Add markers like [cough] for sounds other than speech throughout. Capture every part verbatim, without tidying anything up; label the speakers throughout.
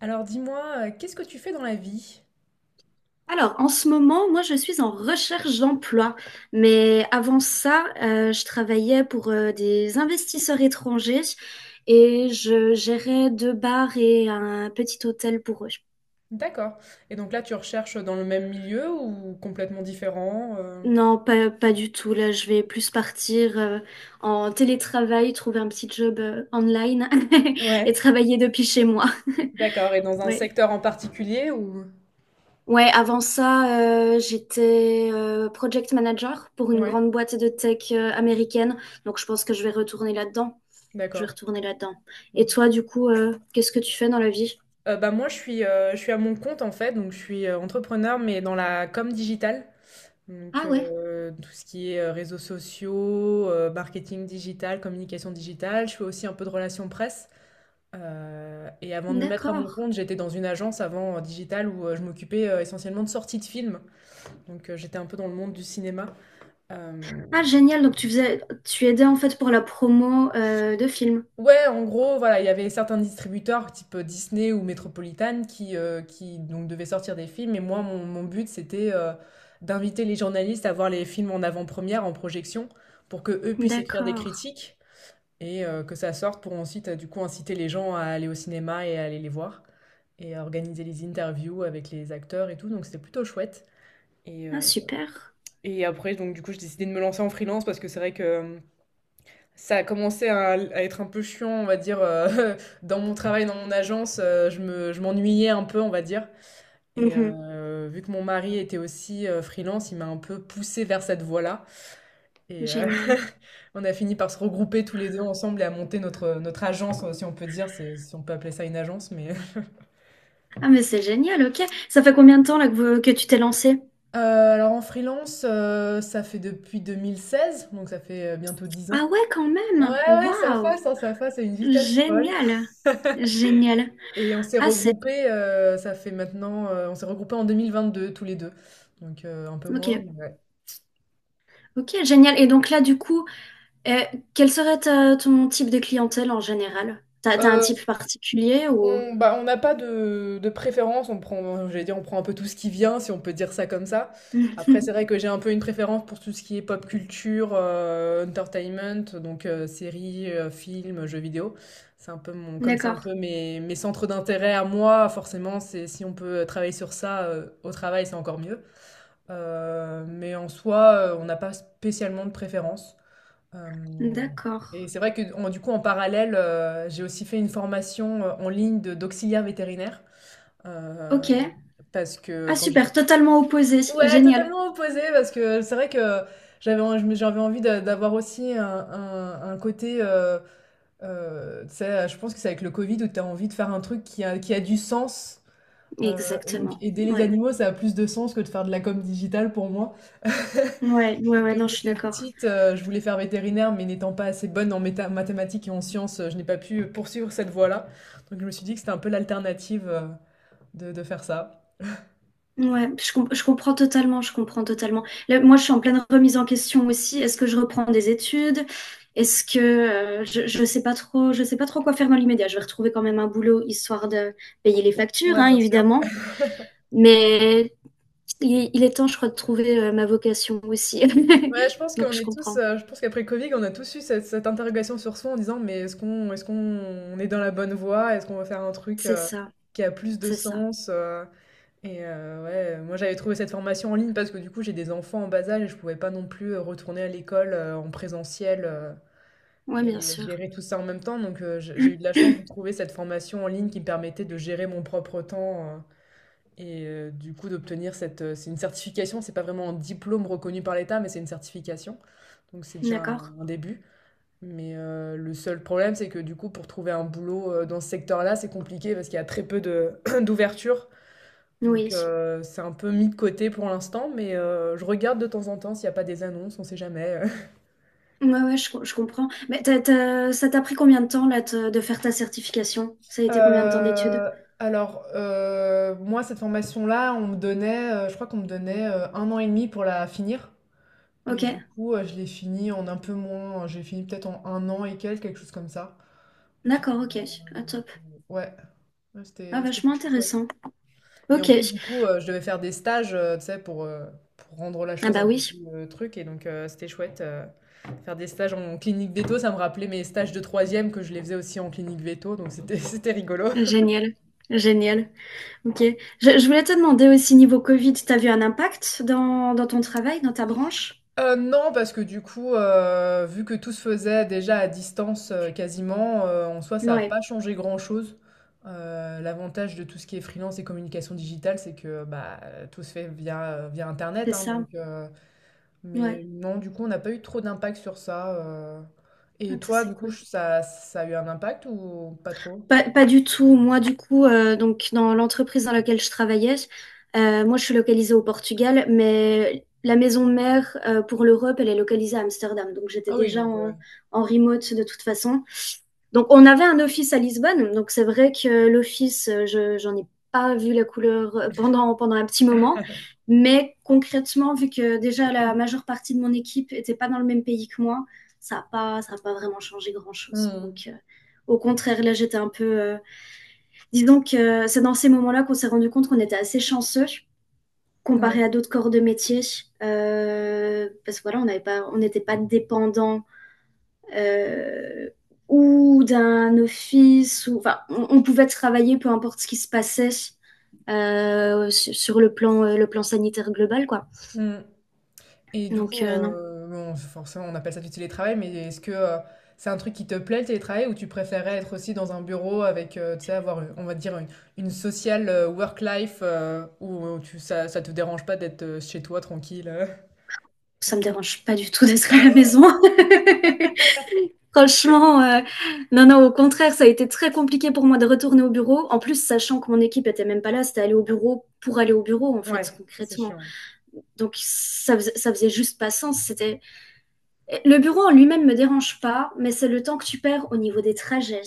Speaker 1: Alors dis-moi, euh, qu'est-ce que tu fais dans la vie?
Speaker 2: Alors, en ce moment, moi, je suis en recherche d'emploi. Mais avant ça, euh, je travaillais pour euh, des investisseurs étrangers et je gérais deux bars et un petit hôtel pour eux.
Speaker 1: D'accord. Et donc là, tu recherches dans le même milieu ou complètement différent? euh
Speaker 2: Non, pas, pas du tout. Là, je vais plus partir euh, en télétravail, trouver un petit job euh, online [laughs] et
Speaker 1: Ouais,
Speaker 2: travailler depuis chez moi.
Speaker 1: d'accord. Et dans un
Speaker 2: Ouais.
Speaker 1: secteur en particulier ou...
Speaker 2: Ouais, avant ça, euh, j'étais euh, project manager pour une
Speaker 1: Ouais,
Speaker 2: grande boîte de tech euh, américaine. Donc, je pense que je vais retourner là-dedans. Je vais
Speaker 1: d'accord.
Speaker 2: retourner là-dedans. Et
Speaker 1: Donc,
Speaker 2: toi, du coup, euh, qu'est-ce que tu fais dans la vie?
Speaker 1: euh, bah moi, je suis, euh, je suis à mon compte en fait, donc je suis euh, entrepreneur, mais dans la com digitale. Donc
Speaker 2: Ah ouais,
Speaker 1: euh, tout ce qui est euh, réseaux sociaux, euh, marketing digital, communication digitale. Je fais aussi un peu de relations presse. Euh, et avant de me mettre à
Speaker 2: d'accord.
Speaker 1: mon compte, j'étais dans une agence avant euh, digitale où euh, je m'occupais euh, essentiellement de sorties de films. Donc euh, j'étais un peu dans le monde du cinéma. Euh,
Speaker 2: Ah, génial. Donc, tu faisais, tu aidais en fait pour la promo euh, de films.
Speaker 1: ouais, en gros, voilà, il y avait certains distributeurs type euh, Disney ou Metropolitan qui, euh, qui donc devaient sortir des films. Et moi, mon, mon but, c'était euh, d'inviter les journalistes à voir les films en avant-première, en projection, pour que eux puissent écrire des
Speaker 2: D'accord.
Speaker 1: critiques, et euh, que ça sorte pour ensuite euh, du coup inciter les gens à aller au cinéma et à aller les voir et à organiser les interviews avec les acteurs et tout. Donc c'était plutôt chouette. Et,
Speaker 2: Ah,
Speaker 1: euh,
Speaker 2: super.
Speaker 1: et après, donc du coup, j'ai décidé de me lancer en freelance parce que c'est vrai que euh, ça a commencé à, à être un peu chiant, on va dire, euh, [laughs] dans mon travail, dans mon agence, euh, je me, je m'ennuyais un peu, on va dire. Et
Speaker 2: Mhm.
Speaker 1: euh, vu que mon mari était aussi euh, freelance, il m'a un peu poussé vers cette voie-là. Et euh,
Speaker 2: Génial.
Speaker 1: [laughs] on a fini par se regrouper tous les deux ensemble et à monter notre, notre agence, euh, si on peut dire, c'est- si on peut appeler ça une agence. Mais... [laughs]
Speaker 2: Ah, mais c'est génial, ok. Ça fait combien de temps là que, vous- que tu t'es lancé?
Speaker 1: Euh, alors en freelance, euh, ça fait depuis deux mille seize donc ça fait euh, bientôt dix
Speaker 2: Ah
Speaker 1: ans.
Speaker 2: ouais, quand
Speaker 1: Ouais,
Speaker 2: même.
Speaker 1: ouais, ça
Speaker 2: Waouh.
Speaker 1: fasse, hein, ça fasse à une vitesse folle.
Speaker 2: Génial. Génial.
Speaker 1: Et on s'est
Speaker 2: Ah, c'est...
Speaker 1: regroupés, euh, ça fait maintenant, euh, on s'est regroupés en deux mille vingt deux tous les deux. Donc euh, un peu
Speaker 2: Ok,
Speaker 1: moins, mais ouais.
Speaker 2: ok, génial. Et donc là, du coup, euh, quel serait ta- ton type de clientèle en général? T'as, t'as un
Speaker 1: Euh,
Speaker 2: type particulier ou...
Speaker 1: On, bah, on n'a pas de, de préférence, on prend, j'allais dire, on prend un peu tout ce qui vient, si on peut dire ça comme ça. Après, c'est vrai
Speaker 2: [laughs]
Speaker 1: que j'ai un peu une préférence pour tout ce qui est pop culture, euh, entertainment, donc euh, séries, euh, films, jeux vidéo. C'est un peu mon, comme c'est un
Speaker 2: D'accord,
Speaker 1: peu mes, mes centres d'intérêt à moi, forcément, c'est si on peut travailler sur ça euh, au travail, c'est encore mieux. Euh, mais en soi, euh, on n'a pas spécialement de préférence. Euh, et
Speaker 2: d'accord.
Speaker 1: c'est vrai que en- du coup, en parallèle, euh, j'ai aussi fait une formation euh, en ligne de- d'auxiliaire vétérinaire. Euh,
Speaker 2: Ok.
Speaker 1: parce que
Speaker 2: Ah,
Speaker 1: quand j'ai-
Speaker 2: super, totalement opposé.
Speaker 1: Ouais,
Speaker 2: Génial.
Speaker 1: totalement opposé, parce que c'est vrai que j'avais en- je me- j'avais envie d'a- d'avoir aussi un, un- un côté, euh, euh, tu sais, je pense que c'est avec le Covid où tu as envie de faire un truc qui a, qui a du sens. Euh, et donc
Speaker 2: Exactement.
Speaker 1: aider les
Speaker 2: Ouais,
Speaker 1: animaux, ça a plus de sens que de faire de la com digitale pour moi.
Speaker 2: ouais, ouais,
Speaker 1: Et
Speaker 2: ouais,
Speaker 1: comme
Speaker 2: non, je suis
Speaker 1: j'étais
Speaker 2: d'accord.
Speaker 1: petite, euh, je voulais faire vétérinaire, mais n'étant pas assez bonne en méta- mathématiques et en sciences, euh, je n'ai pas pu euh, poursuivre cette voie-là. Donc je me suis dit que c'était un peu l'alternative euh, de, de faire ça.
Speaker 2: Ouais, je, com- je comprends totalement, je comprends totalement. Là, moi, je suis en pleine remise en question aussi. Est-ce que je reprends des études? Est-ce que euh, je, je sais pas trop, je sais pas trop quoi faire dans l'immédiat. Je vais retrouver quand même un boulot histoire de payer les factures,
Speaker 1: Ouais,
Speaker 2: hein,
Speaker 1: bien sûr.
Speaker 2: évidemment. Mais il, il est temps, je crois, de trouver euh, ma vocation aussi.
Speaker 1: Ouais, je pense
Speaker 2: [laughs] Donc,
Speaker 1: qu'on
Speaker 2: je
Speaker 1: est tous,
Speaker 2: comprends.
Speaker 1: euh, je pense qu'après Covid, on a tous eu cette, cette interrogation sur soi en disant, mais est-ce qu'on est-ce qu'on on est dans la bonne voie? Est-ce qu'on va faire un truc
Speaker 2: C'est
Speaker 1: euh,
Speaker 2: ça,
Speaker 1: qui a plus de
Speaker 2: c'est ça.
Speaker 1: sens? Euh, et euh, ouais, moi j'avais trouvé cette formation en ligne parce que du coup j'ai des enfants en bas âge et je pouvais pas non plus euh, retourner à l'école euh, en présentiel. euh,
Speaker 2: Ouais, bien
Speaker 1: Et, heu,
Speaker 2: sûr.
Speaker 1: gérer tout ça en même temps, donc heu, j'ai j'ai eu de la chance de trouver cette formation en ligne qui me permettait de gérer mon propre temps, heu et heu, du coup d'obtenir cette, heu c'est une certification, c'est pas vraiment un diplôme reconnu par l'État, mais c'est une certification, donc c'est déjà un
Speaker 2: D'accord.
Speaker 1: un début. Mais heu, le seul problème, c'est que du coup, pour trouver un boulot, heu, dans ce secteur-là, c'est compliqué parce qu'il y a très peu de [clears throat] d'ouverture
Speaker 2: Oui.
Speaker 1: donc heu, c'est un peu mis de côté pour l'instant, mais heu, je regarde de temps en temps s'il y a pas des annonces, on sait jamais. euh,
Speaker 2: Ouais, ouais, je, co- je comprends. Mais t'as- t'as- ça t'a pris combien de temps là te- de faire ta certification? Ça a été combien de temps d'études?
Speaker 1: Euh, alors, euh, moi, cette formation-là, on me donnait, euh, je crois qu'on me donnait euh, un an et demi pour la finir.
Speaker 2: Ok,
Speaker 1: Et du coup, euh, je l'ai fini en un peu moins. J'ai fini peut-être en un an et quelques, quelque chose comme ça. Euh,
Speaker 2: d'accord, ok, ah, top.
Speaker 1: ouais, ouais,
Speaker 2: Ah,
Speaker 1: c'était c'était
Speaker 2: vachement
Speaker 1: plutôt chouette.
Speaker 2: intéressant.
Speaker 1: Et en
Speaker 2: Ok,
Speaker 1: plus, du coup, euh, je devais faire des stages, euh, tu sais, pour, euh, pour rendre la
Speaker 2: ah
Speaker 1: chose
Speaker 2: bah
Speaker 1: un peu
Speaker 2: oui,
Speaker 1: plus euh, truc. Et donc, euh, c'était chouette. Euh, faire des stages en clinique veto, ça me rappelait mes stages de troisième que je les faisais aussi en clinique veto. Donc, c'était [laughs] c'était rigolo.
Speaker 2: génial, génial. Ok, je, je voulais te demander aussi niveau Covid, t'as vu un impact dans, dans ton travail, dans ta branche?
Speaker 1: Heu, non, parce que du coup, heu, vu que tout se faisait déjà à distance, heu, quasiment, heu, en soi, ça a
Speaker 2: Ouais,
Speaker 1: pas changé grand-chose. Heu, l'avantage de tout ce qui est freelance et communication digitale, c'est que, bah, tout se fait via, via internet,
Speaker 2: c'est
Speaker 1: hein,
Speaker 2: ça,
Speaker 1: donc heu,
Speaker 2: ouais.
Speaker 1: mais non, du coup, on n'a pas eu trop d'impact sur ça, heu
Speaker 2: Ah,
Speaker 1: et
Speaker 2: ça,
Speaker 1: toi,
Speaker 2: c'est
Speaker 1: du coup,
Speaker 2: cool.
Speaker 1: ça ça a eu un impact ou pas trop?
Speaker 2: Pas, pas du tout, moi du coup, euh, donc dans l'entreprise dans laquelle je travaillais, euh, moi je suis localisée au Portugal, mais la maison mère euh, pour l'Europe, elle est localisée à Amsterdam, donc j'étais
Speaker 1: Ah oui,
Speaker 2: déjà
Speaker 1: donc heu, ouais.
Speaker 2: en, en remote de toute façon. Donc, on avait un office à Lisbonne. Donc, c'est vrai que l'office, euh, je, j'en ai pas vu la couleur euh, pendant, pendant un petit moment. Mais concrètement, vu que déjà la majeure partie de mon équipe était pas dans le même pays que moi, ça n'a pas, ça a pas vraiment changé grand-chose.
Speaker 1: Mmh.
Speaker 2: Donc, euh, au contraire, là, j'étais un peu. euh, Dis donc, euh, c'est dans ces moments-là qu'on s'est rendu compte qu'on était assez chanceux comparé à
Speaker 1: Ouais.
Speaker 2: d'autres corps de métier. Euh, parce que voilà, on n'avait pas, on n'était pas dépendant euh, ou d'un office. Ou, enfin, on, on pouvait travailler peu importe ce qui se passait euh, sur, sur le, plan, euh, le plan sanitaire global. Quoi.
Speaker 1: Mmh. Et du
Speaker 2: Donc
Speaker 1: coup,
Speaker 2: euh, non,
Speaker 1: heu, bon, forcément, on appelle ça du télétravail, mais est-ce que, heu, c'est un truc qui te plaît le télétravail ou tu préférais être aussi dans un bureau avec, heu, tu sais, avoir, on va dire, une une sociale heu, work life, heu, où euh, tu ça ça te dérange pas d'être, heu, chez toi tranquille, heu?
Speaker 2: ça me dérange pas du tout [laughs] d'être à la maison. [laughs] Franchement, euh, non, non, au contraire, ça a été très compliqué pour moi de retourner au bureau. En plus, sachant que mon équipe était même pas là, c'était aller au bureau pour aller au bureau, en fait,
Speaker 1: Ouais, ça c'est
Speaker 2: concrètement.
Speaker 1: chiant.
Speaker 2: Donc, ça faisait, ça faisait juste pas sens. C'était, le bureau en lui-même me dérange pas, mais c'est le temps que tu perds au niveau des trajets.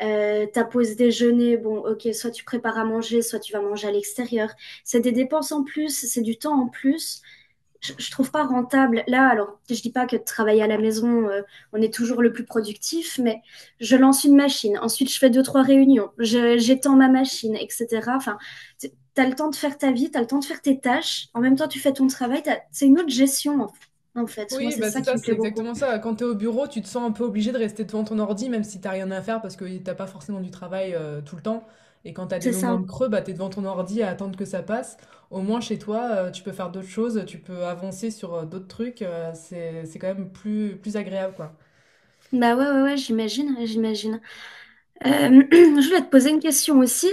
Speaker 2: Euh, ta pause déjeuner, bon, ok, soit tu prépares à manger, soit tu vas manger à l'extérieur. C'est des dépenses en plus, c'est du temps en plus je, je trouve pas rentable. Là, alors, je dis pas que de travailler à la maison, euh, on est toujours le plus productif, mais je lance une machine, ensuite je fais deux, trois réunions, je- j'étends ma machine, et cetera. Enfin, t'as le temps de faire ta vie, t'as le temps de faire tes tâches, en même temps tu fais ton travail, t'as- c'est une autre gestion, en, fait. en fait. Moi,
Speaker 1: Oui,
Speaker 2: c'est
Speaker 1: bah
Speaker 2: ça
Speaker 1: c'est ça,
Speaker 2: qui me
Speaker 1: c'est
Speaker 2: plaît beaucoup.
Speaker 1: exactement ça. Quand tu es au bureau, tu te sens un peu obligé de rester devant ton ordi, même si t'as rien à faire, parce que t'as pas forcément du travail euh, tout le temps. Et quand t'as des
Speaker 2: C'est
Speaker 1: moments
Speaker 2: ça.
Speaker 1: de creux, bah, tu es devant ton ordi à attendre que ça passe. Au moins, chez toi, euh, tu peux faire d'autres choses, tu peux avancer sur euh, d'autres trucs. euh, c'est, c'est quand même plus, plus agréable, quoi.
Speaker 2: Bah ouais, ouais, ouais, j'imagine, j'imagine. Euh, [clears throat] je voulais te poser une question aussi.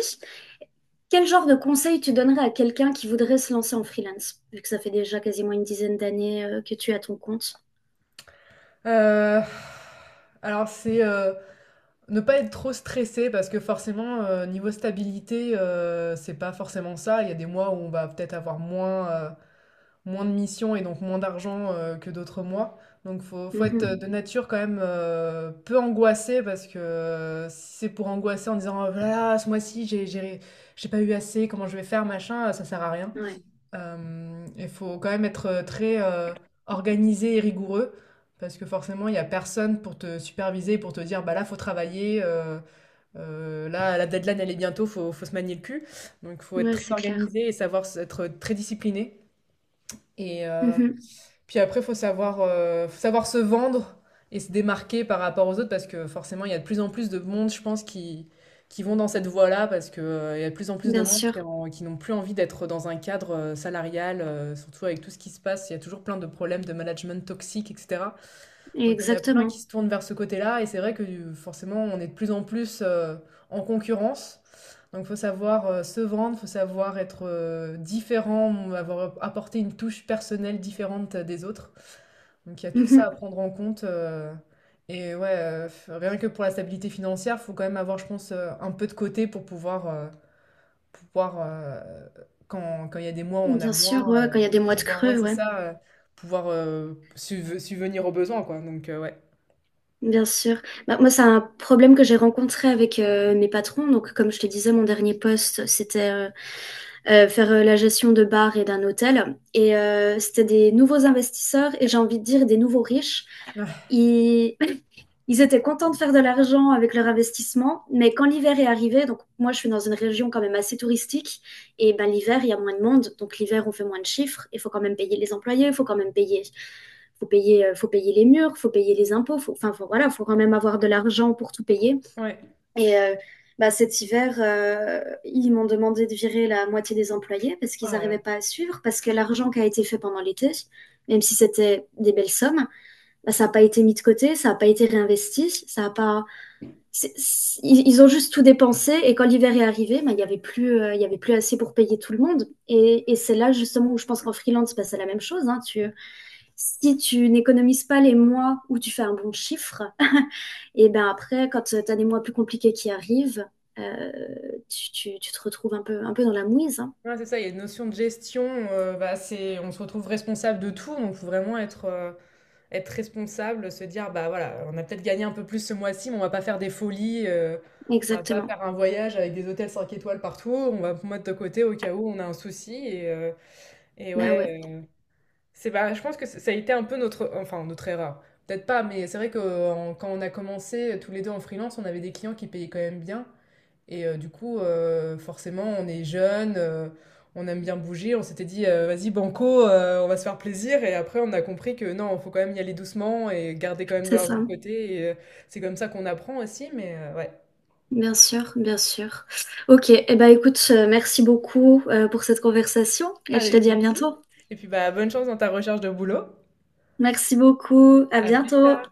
Speaker 2: Quel genre de conseil tu donnerais à quelqu'un qui voudrait se lancer en freelance, vu que ça fait déjà quasiment une dizaine d'années euh, que tu es à ton compte?
Speaker 1: Euh, Alors, c'est euh, ne pas être trop stressé parce que forcément, euh, niveau stabilité, euh, c'est pas forcément ça. Il y a des mois où on va peut-être avoir moins. Euh, moins de missions et donc moins d'argent euh, que d'autres mois. Donc faut, faut être euh, de
Speaker 2: Mhm.
Speaker 1: nature quand même euh, peu angoissé parce que euh, si c'est pour angoisser en disant oh là ce mois-ci j'ai j'ai j'ai pas eu assez, comment je vais faire, machin, euh, ça sert à rien.
Speaker 2: Ouais,
Speaker 1: Euh, Il faut quand même être euh, très euh, organisé et rigoureux parce que forcément il y a personne pour te superviser, pour te dire bah là faut travailler, euh, euh, là la deadline elle est bientôt, faut, faut se manier le cul. Donc faut être
Speaker 2: ouais,
Speaker 1: très
Speaker 2: c'est clair.
Speaker 1: organisé et savoir s- être très discipliné. Et, euh,
Speaker 2: Mhm.
Speaker 1: Puis après, faut savoir, euh, faut savoir se vendre et se démarquer par rapport aux autres parce que forcément, il y a de plus en plus de monde, je pense, qui, qui vont dans cette voie-là parce que, euh, il y a de plus en plus de
Speaker 2: Bien
Speaker 1: monde qui,
Speaker 2: sûr,
Speaker 1: en- qui n'ont plus envie d'être dans un cadre euh, salarial, euh, surtout avec tout ce qui se passe. Il y a toujours plein de problèmes de management toxique, et cetera. Donc, il y en a plein qui
Speaker 2: exactement.
Speaker 1: se tournent vers ce côté-là et c'est vrai que euh, forcément, on est de plus en plus euh, en concurrence. Donc, faut savoir euh, se vendre, faut savoir être euh, différent, avoir apporté une touche personnelle différente des autres. Donc il y a tout ça à
Speaker 2: Mhm.
Speaker 1: prendre en compte. Euh, et ouais, euh, f- rien que pour la stabilité financière, faut quand même avoir, je pense, euh, un peu de côté pour pouvoir, euh, pouvoir euh, quand, quand il y a des mois où on a
Speaker 2: Bien sûr,
Speaker 1: moins,
Speaker 2: ouais,
Speaker 1: euh,
Speaker 2: quand il y a des mois de
Speaker 1: pouvoir, ouais,
Speaker 2: creux,
Speaker 1: c'est
Speaker 2: ouais.
Speaker 1: ça, euh, pouvoir euh, subve- subvenir aux besoins, quoi. Donc euh, ouais.
Speaker 2: Bien sûr. Bah, moi, c'est un problème que j'ai rencontré avec euh, mes patrons. Donc, comme je te disais, mon dernier poste, c'était euh, euh, faire euh, la gestion de bars et d'un hôtel. Et euh, c'était des nouveaux investisseurs et j'ai envie de dire des nouveaux riches
Speaker 1: Ah,
Speaker 2: ils, [laughs] ils étaient contents de faire de l'argent avec leur investissement, mais quand l'hiver est arrivé, donc moi je suis dans une région quand même assez touristique, et ben l'hiver il y a moins de monde, donc l'hiver on fait moins de chiffres, il faut quand même payer les employés, il faut quand même payer, faut payer, euh, faut payer les murs, faut payer les impôts, faut, enfin faut- voilà, faut quand même avoir de l'argent pour tout payer.
Speaker 1: ouais.
Speaker 2: Et euh, bah, cet hiver, euh, ils m'ont demandé de virer la moitié des employés parce qu'ils
Speaker 1: Ah là
Speaker 2: n'arrivaient
Speaker 1: là.
Speaker 2: pas à suivre, parce que l'argent qui a été fait pendant l'été, même si c'était des belles sommes, bah, ça n'a pas été mis de côté, ça n'a pas été réinvesti, ça a pas. C'est- c'est- ils ont juste tout dépensé et quand l'hiver est arrivé, bah, il n'y avait plus, euh, il y avait plus assez pour payer tout le monde. Et, et c'est là justement où je pense qu'en freelance, bah, c'est la même chose. Hein. Tu, si tu n'économises pas les mois où tu fais un bon chiffre, [laughs] et ben après, quand tu as des mois plus compliqués qui arrivent, euh, tu, tu- tu te retrouves un peu, un peu dans la mouise. Hein.
Speaker 1: Ouais, c'est ça, il y a une notion de gestion, euh, bah, c'est, on se retrouve responsable de tout, donc faut vraiment être, euh, être responsable, se dire bah voilà, on a peut-être gagné un peu plus ce mois-ci, mais on va pas faire des folies, euh, on va pas
Speaker 2: Exactement.
Speaker 1: faire un voyage avec des hôtels cinq étoiles partout, on va mettre de côté au cas où on a un souci et, euh, et
Speaker 2: Ben
Speaker 1: ouais,
Speaker 2: ouais,
Speaker 1: euh, c'est bah, je pense que ça ça a été un peu notre enfin notre erreur. Peut-être pas, mais c'est vrai que euh, en- quand on a commencé euh, tous les deux en freelance, on avait des clients qui payaient quand même bien. Et euh, du coup, euh, forcément, on est jeune, euh, on aime bien bouger. On s'était dit, euh, vas-y, banco, euh, on va se faire plaisir. Et après, on a compris que non, il faut quand même y aller doucement et garder quand même de
Speaker 2: c'est
Speaker 1: l'argent
Speaker 2: ça.
Speaker 1: de côté. Et euh, c'est comme ça qu'on apprend aussi, mais euh, ouais.
Speaker 2: Bien sûr, bien sûr. Ok, eh ben écoute, euh, merci beaucoup euh, pour cette conversation et je te
Speaker 1: Avec
Speaker 2: dis à
Speaker 1: plaisir.
Speaker 2: bientôt.
Speaker 1: Et puis, bah, bonne chance dans ta recherche de boulot.
Speaker 2: Merci beaucoup, à
Speaker 1: À plus
Speaker 2: bientôt.
Speaker 1: tard.